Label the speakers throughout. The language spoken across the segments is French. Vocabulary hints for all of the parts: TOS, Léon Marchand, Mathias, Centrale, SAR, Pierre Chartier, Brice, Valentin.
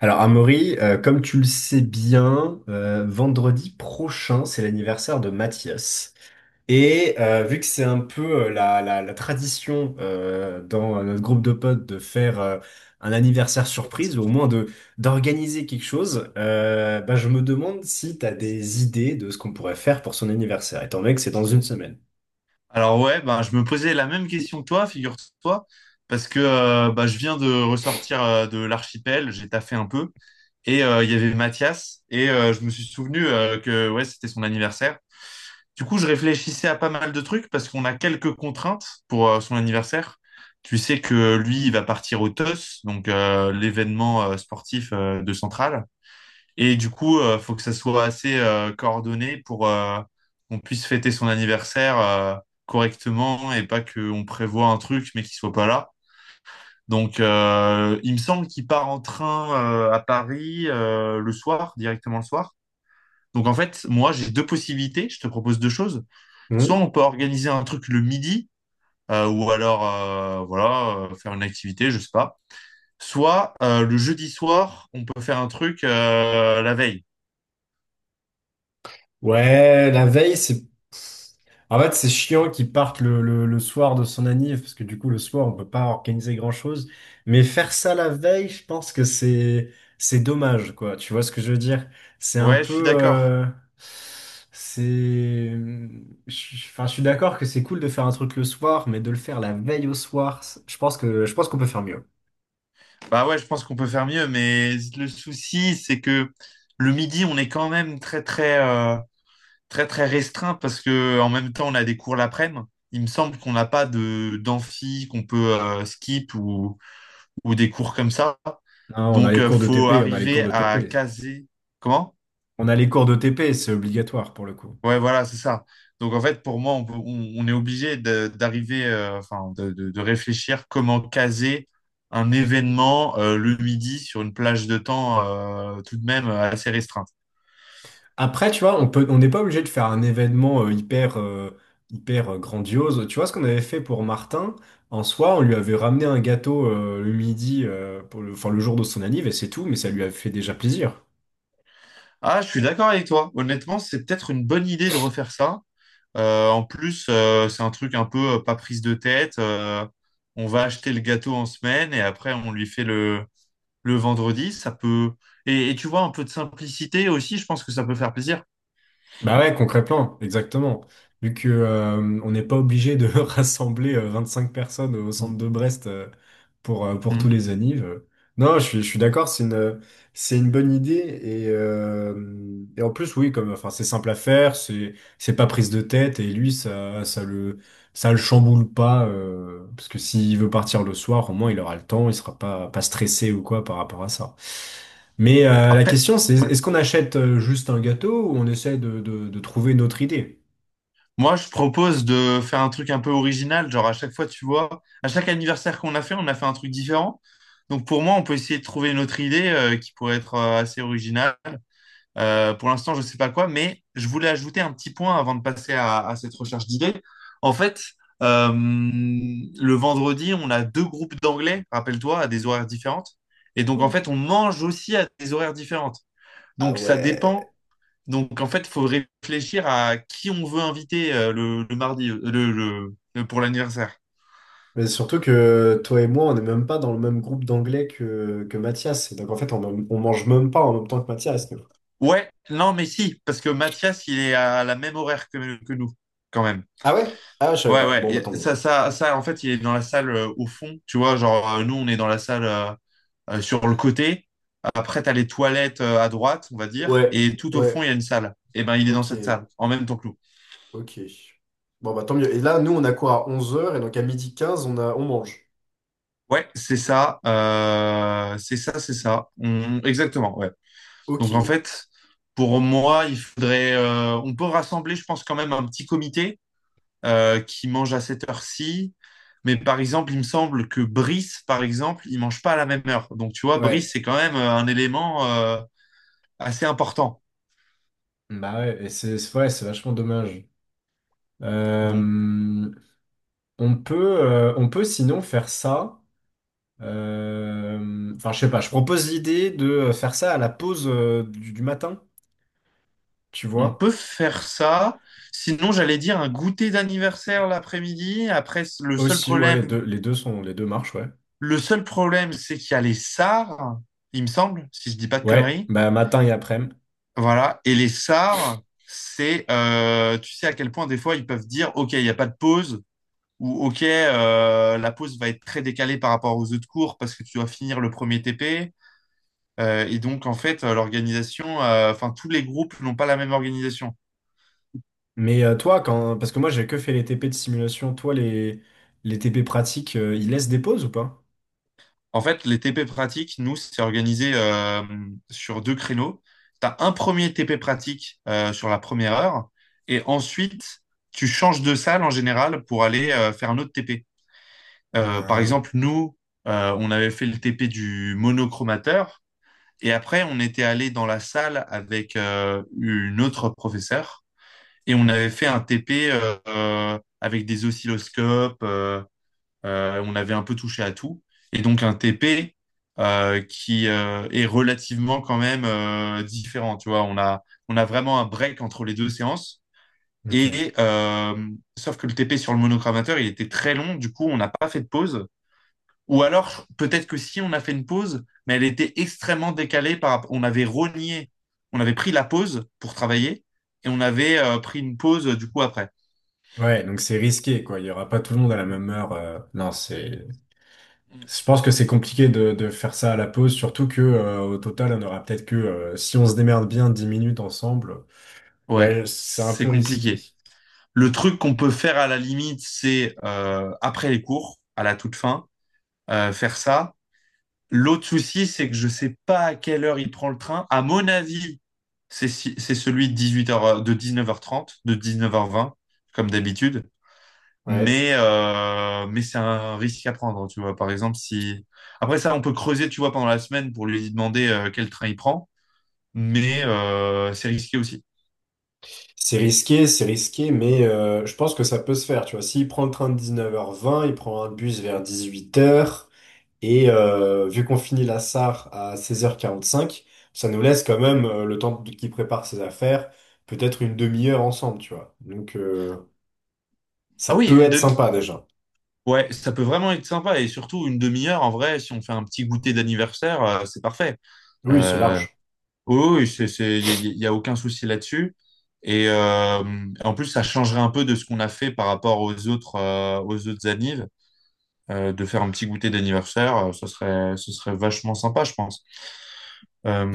Speaker 1: Alors, Amaury, comme tu le sais bien, vendredi prochain, c'est l'anniversaire de Mathias. Vu que c'est un peu la tradition dans notre groupe de potes de faire un anniversaire surprise, ou au moins de d'organiser quelque chose, bah, je me demande si tu as des idées de ce qu'on pourrait faire pour son anniversaire, étant donné que c'est dans une semaine.
Speaker 2: Alors ouais, bah, je me posais la même question que toi, figure-toi, parce que, je viens de ressortir de l'archipel, j'ai taffé un peu, et il y avait Mathias, et je me suis souvenu que ouais, c'était son anniversaire. Du coup, je réfléchissais à pas mal de trucs, parce qu'on a quelques contraintes pour son anniversaire. Tu sais que lui, il va partir au TOS, donc l'événement sportif de Centrale. Et du coup, faut que ça soit assez coordonné pour qu'on puisse fêter son anniversaire correctement et pas qu'on prévoit un truc mais qu'il soit pas là. Donc, il me semble qu'il part en train à Paris le soir, directement le soir. Donc, en fait, moi, j'ai deux possibilités. Je te propose deux choses. Soit on peut organiser un truc le midi, ou alors, voilà, faire une activité, je sais pas. Soit le jeudi soir, on peut faire un truc la veille.
Speaker 1: Ouais, la veille, c'est... En fait, c'est chiant qu'ils partent le soir de son anniv, parce que du coup, le soir, on peut pas organiser grand-chose. Mais faire ça la veille, je pense que c'est dommage, quoi. Tu vois ce que je veux dire? C'est un
Speaker 2: Ouais, je suis
Speaker 1: peu...
Speaker 2: d'accord.
Speaker 1: C'est... Enfin, je suis d'accord que c'est cool de faire un truc le soir, mais de le faire la veille au soir, je pense qu'on peut faire mieux.
Speaker 2: Bah ouais, je pense qu'on peut faire mieux, mais le souci, c'est que le midi, on est quand même très très très très restreint parce que en même temps, on a des cours l'après-midi. Il me semble qu'on n'a pas de d'amphi qu'on peut skip ou des cours comme ça.
Speaker 1: Non, on a
Speaker 2: Donc
Speaker 1: les cours de
Speaker 2: faut
Speaker 1: TP, on a les cours
Speaker 2: arriver
Speaker 1: de
Speaker 2: à
Speaker 1: TP.
Speaker 2: caser. Comment?
Speaker 1: On a les cours de TP, c'est obligatoire pour le coup.
Speaker 2: Ouais, voilà, c'est ça. Donc, en fait, pour moi, on est obligé d'arriver, enfin, de réfléchir comment caser un événement le midi sur une plage de temps tout de même assez restreinte.
Speaker 1: Après, tu vois, on n'est pas obligé de faire un événement hyper, hyper grandiose. Tu vois ce qu'on avait fait pour Martin? En soi, on lui avait ramené un gâteau le midi, pour le, enfin, le jour de son anniv, et c'est tout, mais ça lui a fait déjà plaisir.
Speaker 2: Ah, je suis d'accord avec toi. Honnêtement, c'est peut-être une bonne idée de refaire ça. En plus, c'est un truc un peu pas prise de tête. On va acheter le gâteau en semaine et après, on lui fait le vendredi. Ça peut... et tu vois, un peu de simplicité aussi, je pense que ça peut faire plaisir.
Speaker 1: Bah ouais, concrètement, exactement. Vu que on n'est pas obligé de rassembler cinq personnes au centre
Speaker 2: Mm.
Speaker 1: de Brest pour tous
Speaker 2: Mm.
Speaker 1: les annives. Non, je suis d'accord, c'est une bonne idée. Et en plus, oui, comme enfin, c'est simple à faire, c'est pas prise de tête, et lui, ça le chamboule pas. Parce que s'il veut partir le soir, au moins il aura le temps, il sera pas, pas stressé ou quoi par rapport à ça. Mais la
Speaker 2: Après,
Speaker 1: question, c'est
Speaker 2: ouais.
Speaker 1: est-ce qu'on achète juste un gâteau ou on essaie de trouver une autre idée?
Speaker 2: Moi, je propose de faire un truc un peu original. Genre, à chaque fois, tu vois, à chaque anniversaire qu'on a fait, on a fait un truc différent. Donc, pour moi, on peut essayer de trouver une autre idée qui pourrait être assez originale. Pour l'instant, je ne sais pas quoi, mais je voulais ajouter un petit point avant de passer à cette recherche d'idées. En fait, le vendredi, on a deux groupes d'anglais, rappelle-toi, à des horaires différentes. Et donc, en fait, on mange aussi à des horaires différentes. Donc, ça dépend. Donc, en fait, il faut réfléchir à qui on veut inviter le mardi, pour l'anniversaire.
Speaker 1: Mais surtout que toi et moi, on n'est même pas dans le même groupe d'anglais que Mathias. Et donc en fait, on mange même pas en même temps que Mathias, nous.
Speaker 2: Ouais, non, mais si, parce que Mathias, il est à la même horaire que nous, quand même.
Speaker 1: Ah ouais? Ah, je savais
Speaker 2: Ouais,
Speaker 1: pas.
Speaker 2: ouais,
Speaker 1: Bon, bah
Speaker 2: et
Speaker 1: tant mieux.
Speaker 2: ça, en fait, il est dans la salle au fond, tu vois, genre, nous, on est dans la salle sur le côté. Après, t'as les toilettes à droite, on va dire,
Speaker 1: Ouais,
Speaker 2: et tout au fond, il
Speaker 1: ouais,
Speaker 2: y a une salle. Et ben, il est dans
Speaker 1: ok,
Speaker 2: cette salle, en même temps que nous.
Speaker 1: ok. Bon, bah tant mieux. Et là, nous, on a quoi à 11 heures et donc à 12h15 on mange.
Speaker 2: Ouais, c'est ça, c'est ça. On- Exactement, ouais. Donc en
Speaker 1: Ok.
Speaker 2: fait, pour moi, il faudrait, on peut rassembler, je pense, quand même un petit comité qui mange à cette heure-ci. Mais par exemple, il me semble que Brice, par exemple, il mange pas à la même heure. Donc tu vois, Brice,
Speaker 1: Ouais.
Speaker 2: c'est quand même un élément assez important.
Speaker 1: Ouais, c'est vachement dommage.
Speaker 2: Donc
Speaker 1: Euh, on peut sinon faire ça. Enfin, je sais pas, je propose l'idée de faire ça à la pause du matin, tu
Speaker 2: on
Speaker 1: vois?
Speaker 2: peut faire ça. Sinon, j'allais dire un goûter d'anniversaire l'après-midi. Après,
Speaker 1: Aussi, ouais, les deux marchent, ouais.
Speaker 2: le seul problème, c'est qu'il y a les SAR, il me semble, si je dis pas de
Speaker 1: Ouais,
Speaker 2: conneries.
Speaker 1: bah matin et après-midi.
Speaker 2: Voilà. Et les SAR, c'est tu sais à quel point des fois ils peuvent dire, OK, il n'y a pas de pause, ou OK, la pause va être très décalée par rapport aux autres cours parce que tu dois finir le premier TP. Et donc, en fait, l'organisation, enfin, tous les groupes n'ont pas la même organisation.
Speaker 1: Mais toi, quand, parce que moi j'ai que fait les TP de simulation, les TP pratiques, ils laissent des pauses ou pas?
Speaker 2: En fait, les TP pratiques, nous, c'est organisé sur deux créneaux. Tu as un premier TP pratique sur la première heure, et ensuite, tu changes de salle en général pour aller faire un autre TP. Par
Speaker 1: Ah,
Speaker 2: exemple, nous, on avait fait le TP du monochromateur et après, on était allé dans la salle avec une autre professeure et on avait fait un TP avec des oscilloscopes. On avait un peu touché à tout. Et donc, un TP qui est relativement quand même différent. Tu vois, on a vraiment un break entre les deux séances.
Speaker 1: ok.
Speaker 2: Et euh, Sauf que le TP sur le monochromateur, il était très long. Du coup, on n'a pas fait de pause. Ou alors, peut-être que si on a fait une pause, mais elle était extrêmement décalée par... On avait rogné, on avait pris la pause pour travailler et on avait pris une pause du coup après.
Speaker 1: Ouais, donc c'est risqué, quoi. Il y aura pas tout le monde à la même heure. Non, c'est. Je pense que c'est compliqué de faire ça à la pause, surtout que au total, on aura peut-être que si on se démerde bien 10 minutes ensemble.
Speaker 2: Ouais,
Speaker 1: Ouais, c'est un
Speaker 2: c'est
Speaker 1: peu risqué.
Speaker 2: compliqué. Le truc qu'on peut faire à la limite, c'est après les cours, à la toute fin, faire ça. L'autre souci, c'est que je sais pas à quelle heure il prend le train. À mon avis, c'est si- c'est celui de 18h, de 19h30, de 19h20, comme d'habitude.
Speaker 1: Ouais,
Speaker 2: Mais c'est un risque à prendre, tu vois. Par exemple, si... Après ça, on peut creuser, tu vois, pendant la semaine pour lui demander quel train il prend, mais c'est risqué aussi.
Speaker 1: c'est risqué, mais je pense que ça peut se faire. Tu vois, s'il prend le train de 19h20, il prend un bus vers 18h. Et vu qu'on finit la SAR à 16h45, ça nous laisse quand même qu'il prépare ses affaires, peut-être une demi-heure ensemble, tu vois. Donc ça
Speaker 2: Ah oui,
Speaker 1: peut
Speaker 2: une
Speaker 1: être
Speaker 2: demi...
Speaker 1: sympa déjà.
Speaker 2: Ouais, ça peut vraiment être sympa. Et surtout, une demi-heure, en vrai, si on fait un petit goûter d'anniversaire, c'est parfait.
Speaker 1: Oui, c'est
Speaker 2: Euh,
Speaker 1: large.
Speaker 2: oui, oui, c'est... il y a, y a aucun souci là-dessus. Et euh, En plus, ça changerait un peu de ce qu'on a fait par rapport aux autres annives. De faire un petit goûter d'anniversaire, ce serait vachement sympa, je pense.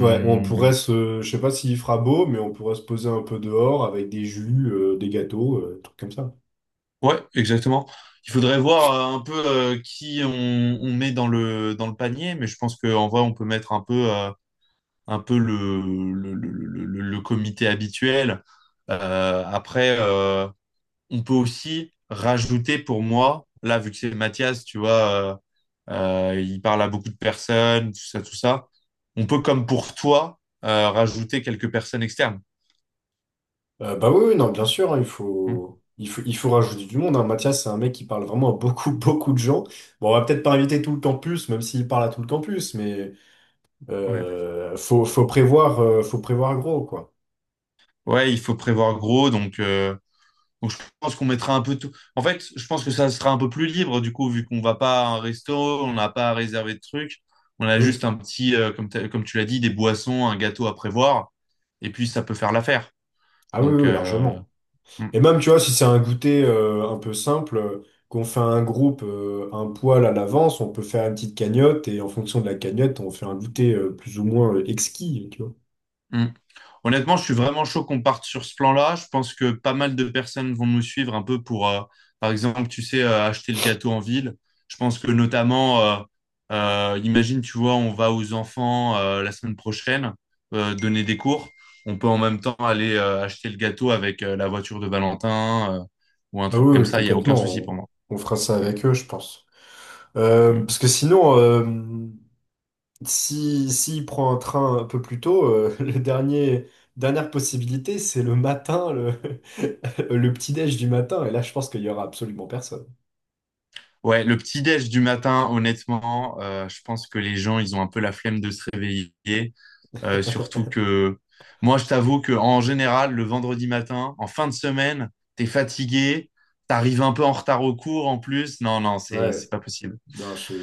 Speaker 1: Ouais, on pourrait se, je sais pas s'il fera beau, mais on pourrait se poser un peu dehors avec des jus, des gâteaux, trucs comme ça.
Speaker 2: ouais, exactement. Il faudrait voir un peu qui on met dans le panier, mais je pense qu'en vrai, on peut mettre un peu le comité habituel. Après, on peut aussi rajouter pour moi, là, vu que c'est Mathias, tu vois, euh, il parle à beaucoup de personnes, tout ça, tout ça. On peut, comme pour toi, rajouter quelques personnes externes.
Speaker 1: Bah oui, oui, non, bien sûr, hein,
Speaker 2: Mm.
Speaker 1: il faut rajouter du monde. Hein. Mathias, c'est un mec qui parle vraiment à beaucoup, beaucoup de gens. Bon, on va peut-être pas inviter tout le campus, même s'il parle à tout le campus, mais
Speaker 2: Ouais.
Speaker 1: faut prévoir gros, quoi.
Speaker 2: Ouais, il faut prévoir gros, donc je pense qu'on mettra un peu tout. En fait, je pense que ça sera un peu plus libre, du coup, vu qu'on va pas à un resto, on n'a pas à réserver de trucs. On a
Speaker 1: Oui.
Speaker 2: juste un petit, comme, comme tu l'as dit, des boissons, un gâteau à prévoir, et puis ça peut faire l'affaire.
Speaker 1: Ah oui, oui,
Speaker 2: Donc,
Speaker 1: oui,
Speaker 2: euh,
Speaker 1: largement.
Speaker 2: mm,
Speaker 1: Et même, tu vois, si c'est un goûter un peu simple, qu'on fait un groupe un poil à l'avance, on peut faire une petite cagnotte et en fonction de la cagnotte, on fait un goûter plus ou moins exquis, tu vois.
Speaker 2: mm. Honnêtement, je suis vraiment chaud qu'on parte sur ce plan-là. Je pense que pas mal de personnes vont nous suivre un peu pour, par exemple, tu sais, acheter le gâteau en ville. Je pense que notamment, imagine, tu vois, on va aux enfants la semaine prochaine donner des cours. On peut en même temps aller acheter le gâteau avec la voiture de Valentin ou un
Speaker 1: Ah
Speaker 2: truc
Speaker 1: oui,
Speaker 2: comme
Speaker 1: oui,
Speaker 2: ça. Il n'y a aucun
Speaker 1: complètement.
Speaker 2: souci pour moi.
Speaker 1: On fera ça
Speaker 2: Mm.
Speaker 1: avec eux, je pense.
Speaker 2: Mm.
Speaker 1: Parce que sinon, si, s'il prend un train un peu plus tôt, dernière possibilité, c'est le matin, le petit-déj du matin. Et là, je pense qu'il y aura absolument personne.
Speaker 2: Ouais, le petit déj du matin, honnêtement, je pense que les gens, ils ont un peu la flemme de se réveiller. Surtout que moi, je t'avoue que en général, le vendredi matin, en fin de semaine, t'es fatigué, t'arrives un peu en retard au cours en plus. Non, non,
Speaker 1: Ouais,
Speaker 2: c'est pas possible.
Speaker 1: non, je...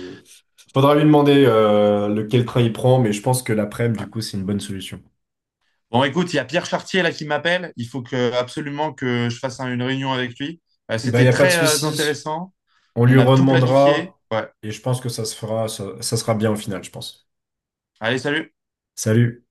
Speaker 1: Faudra lui demander lequel train il prend, mais je pense que l'après-midi,
Speaker 2: Ouais.
Speaker 1: du coup, c'est une bonne solution.
Speaker 2: Bon, écoute, il y a Pierre Chartier là qui m'appelle. Il faut que absolument que je fasse une réunion avec lui.
Speaker 1: Eh ben, il n'y
Speaker 2: C'était
Speaker 1: a pas de
Speaker 2: très
Speaker 1: souci.
Speaker 2: intéressant.
Speaker 1: On lui
Speaker 2: On a tout planifié.
Speaker 1: redemandera
Speaker 2: Ouais.
Speaker 1: et je pense que ça se fera, ça sera bien au final, je pense.
Speaker 2: Allez, salut.
Speaker 1: Salut.